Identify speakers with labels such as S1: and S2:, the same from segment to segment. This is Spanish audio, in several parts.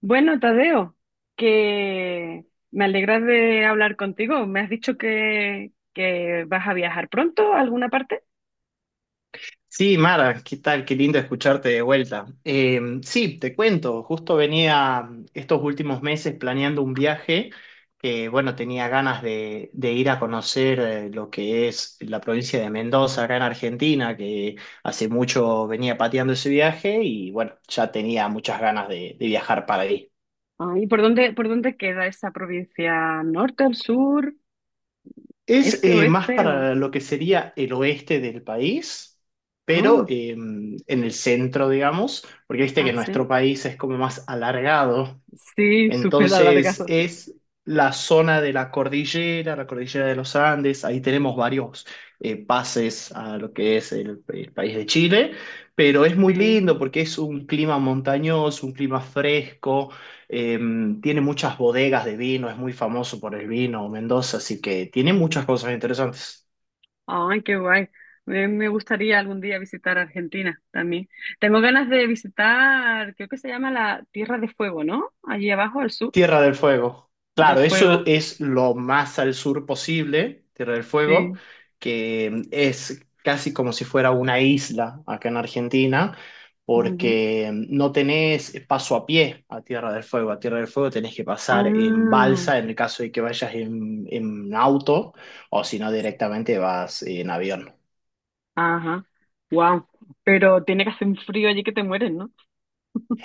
S1: Bueno, Tadeo, que me alegra de hablar contigo. ¿Me has dicho que vas a viajar pronto a alguna parte?
S2: Sí, Mara, ¿qué tal? Qué lindo escucharte de vuelta. Sí, te cuento, justo venía estos últimos meses planeando un viaje que, bueno, tenía ganas de ir a conocer lo que es la provincia de Mendoza, acá en Argentina, que hace mucho venía pateando ese viaje y, bueno, ya tenía muchas ganas de viajar para ahí.
S1: Ah, ¿y por dónde queda esa provincia? ¿Norte, al sur,
S2: Es
S1: este,
S2: más
S1: oeste? O...
S2: para lo que sería el oeste del país, pero
S1: Ah,
S2: en el centro, digamos, porque viste que
S1: ah,
S2: nuestro
S1: sí.
S2: país es como más alargado,
S1: Sí, súper
S2: entonces
S1: alargado.
S2: es la zona de la cordillera de los Andes. Ahí tenemos varios pases a lo que es el país de Chile, pero es muy lindo
S1: Sí.
S2: porque es un clima montañoso, un clima fresco, eh, tiene muchas bodegas de vino, es muy famoso por el vino Mendoza, así que tiene muchas cosas interesantes.
S1: Ay, qué guay. Me gustaría algún día visitar Argentina también. Tengo ganas de visitar, creo que se llama la Tierra de Fuego, ¿no? Allí abajo, al sur
S2: Tierra del Fuego.
S1: del
S2: Claro, eso
S1: fuego.
S2: es lo más al sur posible, Tierra del Fuego,
S1: Sí.
S2: que es casi como si fuera una isla acá en Argentina,
S1: Ujú.
S2: porque no tenés paso a pie a Tierra del Fuego. A Tierra del Fuego tenés que pasar en
S1: Ah,
S2: balsa en el caso de que vayas en auto, o si no directamente vas en avión.
S1: ajá. Wow. Pero tiene que hacer un frío allí que te mueres, ¿no?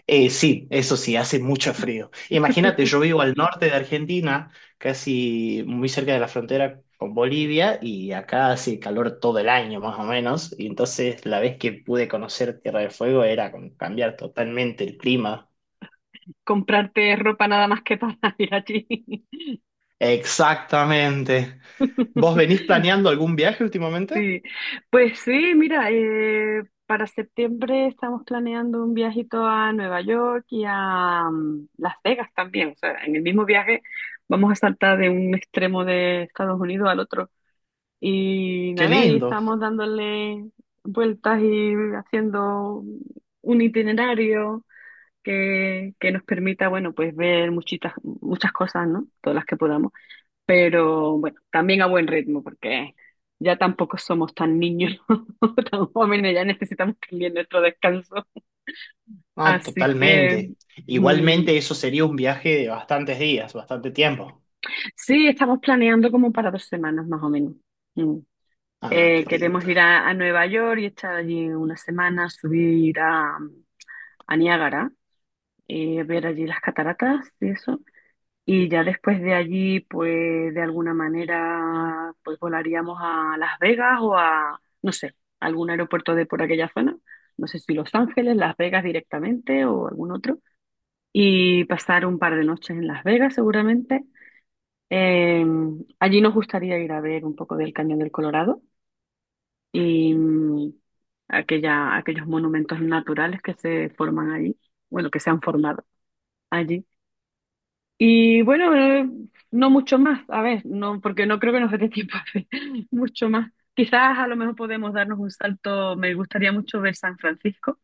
S2: Sí, eso sí, hace mucho frío. Imagínate, yo vivo al norte de Argentina, casi muy cerca de la frontera con Bolivia, y acá hace calor todo el año más o menos, y entonces la vez que pude conocer Tierra del Fuego era como cambiar totalmente el clima.
S1: Comprarte ropa nada más que para ir allí.
S2: Exactamente. ¿Vos venís planeando algún viaje últimamente?
S1: Sí. Pues sí, mira, para septiembre estamos planeando un viajito a Nueva York y a Las Vegas también. O sea, en el mismo viaje vamos a saltar de un extremo de Estados Unidos al otro. Y
S2: Qué
S1: nada, ahí
S2: lindo.
S1: estamos dándole vueltas y haciendo un itinerario que nos permita, bueno, pues ver muchitas, muchas cosas, ¿no? Todas las que podamos. Pero bueno, también a buen ritmo, porque ya tampoco somos tan niños, tan jóvenes, ya necesitamos también nuestro descanso.
S2: No,
S1: Así que
S2: totalmente.
S1: mm,
S2: Igualmente eso sería un viaje de bastantes días, bastante tiempo.
S1: sí, estamos planeando como para 2 semanas más o menos. Mm.
S2: Ah,
S1: Eh,
S2: qué
S1: queremos
S2: lindo.
S1: ir a, a Nueva York y estar allí 1 semana, subir a Niágara, ver allí las cataratas y eso. Y ya después de allí, pues de alguna manera, pues volaríamos a Las Vegas o a, no sé, algún aeropuerto de por aquella zona. No sé si Los Ángeles, Las Vegas directamente o algún otro. Y pasar un par de noches en Las Vegas seguramente. Eh, Allí nos gustaría ir a ver un poco del Cañón del Colorado y aquella, aquellos monumentos naturales que se forman allí, bueno, que se han formado allí. Y bueno, no mucho más, a ver, no, porque no creo que nos dé tiempo a hacer mucho más. Quizás a lo mejor podemos darnos un salto, me gustaría mucho ver San Francisco,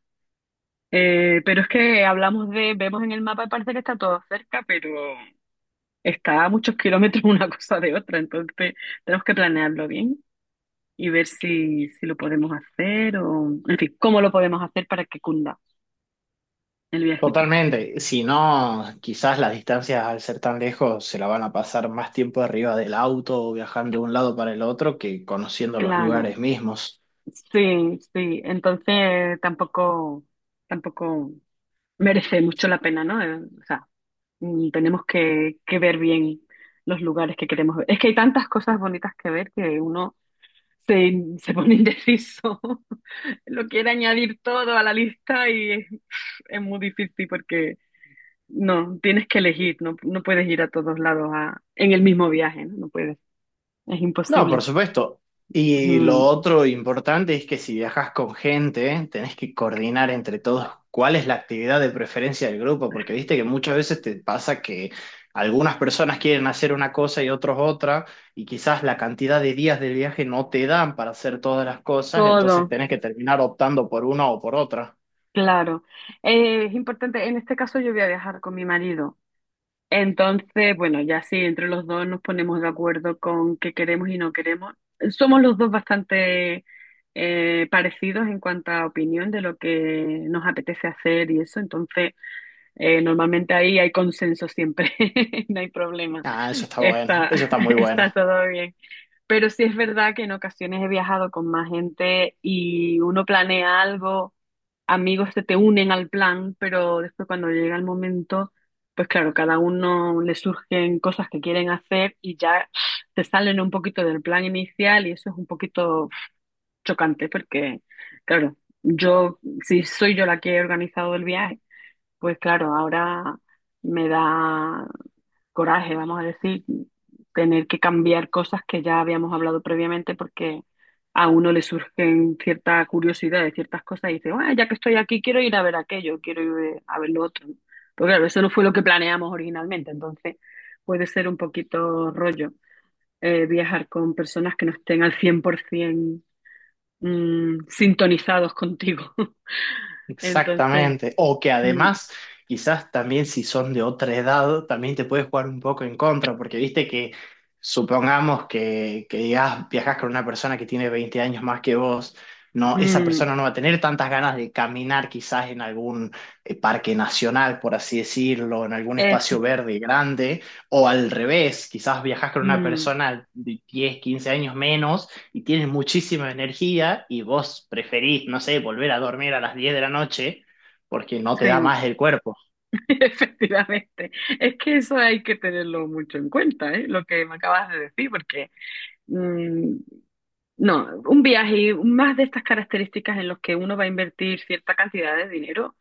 S1: pero es que hablamos de, vemos en el mapa y parece que está todo cerca, pero está a muchos kilómetros una cosa de otra, entonces tenemos que planearlo bien. Y ver si, si lo podemos hacer o, en fin, cómo lo podemos hacer para que cunda el viajito.
S2: Totalmente. Si no, quizás las distancias al ser tan lejos se la van a pasar más tiempo arriba del auto o viajando de un lado para el otro que conociendo los
S1: Claro,
S2: lugares mismos.
S1: sí, sí. Entonces tampoco merece mucho la pena, ¿no? O sea, tenemos que ver bien los lugares que queremos ver. Es que hay tantas cosas bonitas que ver que uno se, se pone indeciso. Lo quiere añadir todo a la lista y es muy difícil porque no, tienes que elegir, no puedes ir a todos lados a- en el mismo viaje, ¿no? No puedes, es
S2: No, por
S1: imposible.
S2: supuesto. Y lo
S1: Mm,
S2: otro importante es que si viajas con gente, tenés que coordinar entre todos cuál es la actividad de preferencia del grupo, porque viste que muchas veces te pasa que algunas personas quieren hacer una cosa y otros otra, y quizás la cantidad de días del viaje no te dan para hacer todas las cosas, entonces
S1: Todo,
S2: tenés que terminar optando por una o por otra.
S1: claro. Es importante, en este caso yo voy a viajar con mi marido. Entonces, bueno, ya sí, entre los dos nos ponemos de acuerdo con qué queremos y no queremos. Somos los dos bastante parecidos en cuanto a opinión de lo que nos apetece hacer y eso, entonces normalmente ahí hay consenso siempre, no hay problema,
S2: Ah, eso está bueno,
S1: está,
S2: eso está muy bueno.
S1: está todo bien. Pero sí es verdad que en ocasiones he viajado con más gente y uno planea algo, amigos se te unen al plan, pero después cuando llega el momento, pues claro, cada uno le surgen cosas que quieren hacer y ya se salen un poquito del plan inicial y eso es un poquito chocante porque, claro, yo, si soy yo la que he organizado el viaje, pues claro, ahora me da coraje, vamos a decir, tener que cambiar cosas que ya habíamos hablado previamente porque a uno le surgen cierta curiosidad de ciertas cosas y dice, bueno, ya que estoy aquí quiero ir a ver aquello, quiero ir a ver lo otro. Pero claro, eso no fue lo que planeamos originalmente, entonces puede ser un poquito rollo viajar con personas que no estén al 100% sintonizados contigo. Entonces...
S2: Exactamente. O que
S1: mm,
S2: además, quizás también si son de otra edad, también te puedes jugar un poco en contra, porque viste que supongamos que digas, viajas con una persona que tiene 20 años más que vos. No, esa
S1: mm,
S2: persona no va a tener tantas ganas de caminar quizás en algún parque nacional, por así decirlo, en algún
S1: es
S2: espacio verde grande, o al revés, quizás viajas con una
S1: Mm,
S2: persona de 10, 15 años menos y tienes muchísima energía y vos preferís, no sé, volver a dormir a las 10 de la noche porque no te
S1: sí,
S2: da más el cuerpo.
S1: efectivamente. Es que eso hay que tenerlo mucho en cuenta, ¿eh? Lo que me acabas de decir, porque mm, no, un viaje y más de estas características en los que uno va a invertir cierta cantidad de dinero,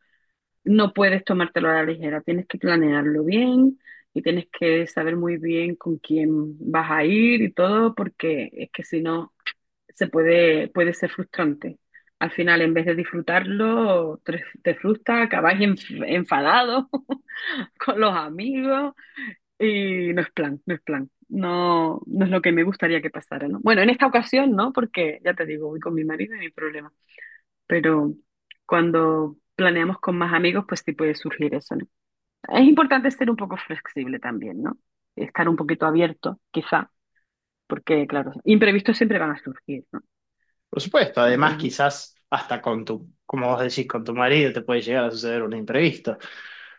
S1: no puedes tomártelo a la ligera. Tienes que planearlo bien y tienes que saber muy bien con quién vas a ir y todo, porque es que si no puede ser frustrante. Al final, en vez de disfrutarlo, te frustra, acabas enfadado con los amigos y no es plan, no es plan. No, no es lo que me gustaría que pasara, ¿no? Bueno, en esta ocasión no, porque ya te digo, voy con mi marido y mi problema. Pero cuando planeamos con más amigos, pues sí puede surgir eso, ¿no? Es importante ser un poco flexible también, ¿no? Estar un poquito abierto, quizá, porque, claro, imprevistos siempre van a surgir, ¿no?
S2: Por supuesto, además
S1: Entonces,
S2: quizás hasta con tu, como vos decís, con tu marido te puede llegar a suceder un imprevisto,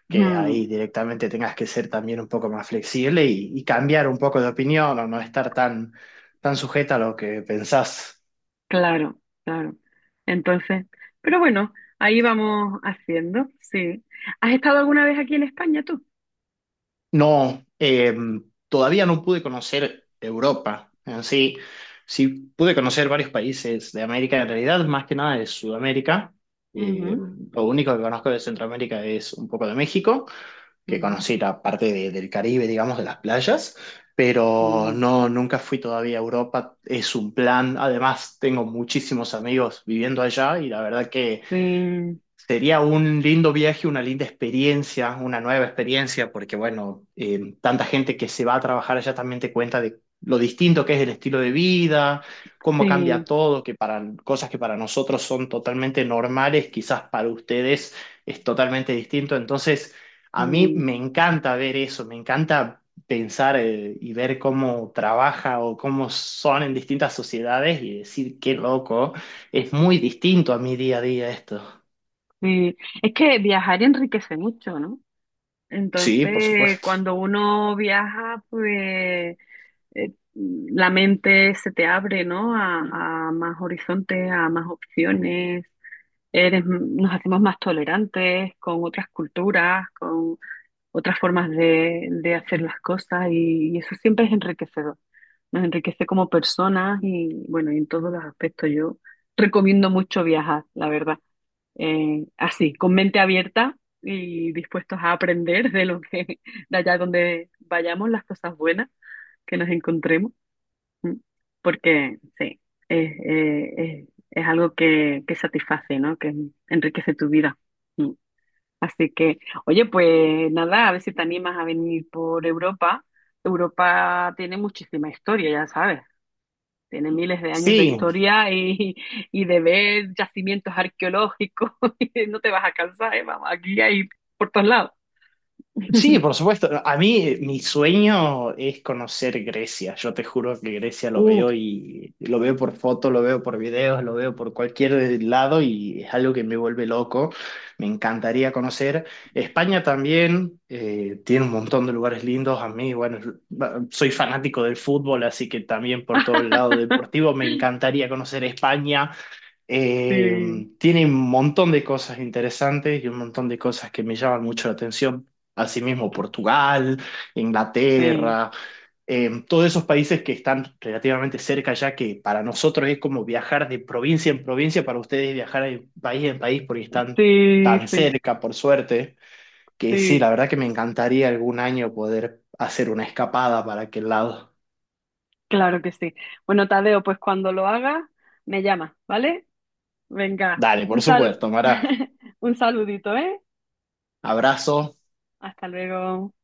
S2: que
S1: mm,
S2: ahí directamente tengas que ser también un poco más flexible y cambiar un poco de opinión o no estar tan, tan sujeta a lo que pensás.
S1: claro, claro. Entonces, pero bueno, ahí vamos haciendo, sí. ¿Has estado alguna vez aquí en España tú?
S2: No, todavía no pude conocer Europa en sí. Sí pude conocer varios países de América, en realidad, más que nada de Sudamérica. Eh,
S1: Ujú,
S2: lo único que conozco de Centroamérica es un poco de México, que
S1: ujú,
S2: conocí la parte del Caribe, digamos, de las playas, pero
S1: mm.
S2: no, nunca fui todavía a Europa. Es un plan. Además, tengo muchísimos amigos viviendo allá y la verdad que
S1: Sí,
S2: sería un lindo viaje, una linda experiencia, una nueva experiencia, porque bueno, tanta gente que se va a trabajar allá también te cuenta de lo distinto que es el estilo de vida, cómo cambia
S1: sí,
S2: todo, que para cosas que para nosotros son totalmente normales, quizás para ustedes es totalmente distinto. Entonces, a mí
S1: mm,
S2: me encanta ver eso, me encanta pensar, y ver cómo trabaja o cómo son en distintas sociedades y decir, qué loco, es muy distinto a mi día a día esto.
S1: sí. Es que viajar enriquece mucho, ¿no?
S2: Sí, por
S1: Entonces,
S2: supuesto.
S1: cuando uno viaja, pues la mente se te abre, ¿no? A más horizontes, a más opciones. Eres, nos hacemos más tolerantes con otras culturas, con otras formas de hacer las cosas y eso siempre es enriquecedor. Nos enriquece como personas y bueno, y en todos los aspectos yo recomiendo mucho viajar, la verdad. Así, con mente abierta y dispuestos a aprender de lo que, de allá donde vayamos, las cosas buenas que nos encontremos, ¿m? Porque sí, es algo que satisface, ¿no? Que enriquece tu vida. Así que, oye, pues nada, a ver si te animas a venir por Europa. Europa tiene muchísima historia, ya sabes. Tiene miles de años de
S2: Sí,
S1: historia y, y de ver yacimientos arqueológicos. y no te vas a cansar, ¿eh? Vamos, aquí hay por todos lados.
S2: sí, por supuesto. A mí, mi sueño es conocer Grecia. Yo te juro que Grecia lo
S1: Uf.
S2: veo y lo veo por fotos, lo veo por videos, lo veo por cualquier lado y es algo que me vuelve loco. Me encantaría conocer. España también tiene un montón de lugares lindos. A mí, bueno, soy fanático del fútbol, así que también por todo el lado deportivo me encantaría conocer España. Eh,
S1: Sí,
S2: Tiene un montón de cosas interesantes y un montón de cosas que me llaman mucho la atención. Asimismo, Portugal,
S1: sí,
S2: Inglaterra, todos esos países que están relativamente cerca ya, que para nosotros es como viajar de provincia en provincia, para ustedes es viajar de país en país porque están
S1: sí,
S2: tan
S1: sí,
S2: cerca, por suerte, que sí,
S1: sí,
S2: la verdad que me encantaría algún año poder hacer una escapada para aquel lado.
S1: claro que sí. Bueno, Tadeo, pues cuando lo hagas, me llamas, ¿vale? Venga,
S2: Dale, por
S1: un sal...
S2: supuesto, Mara.
S1: un saludito, ¿eh?
S2: Abrazo.
S1: Hasta luego.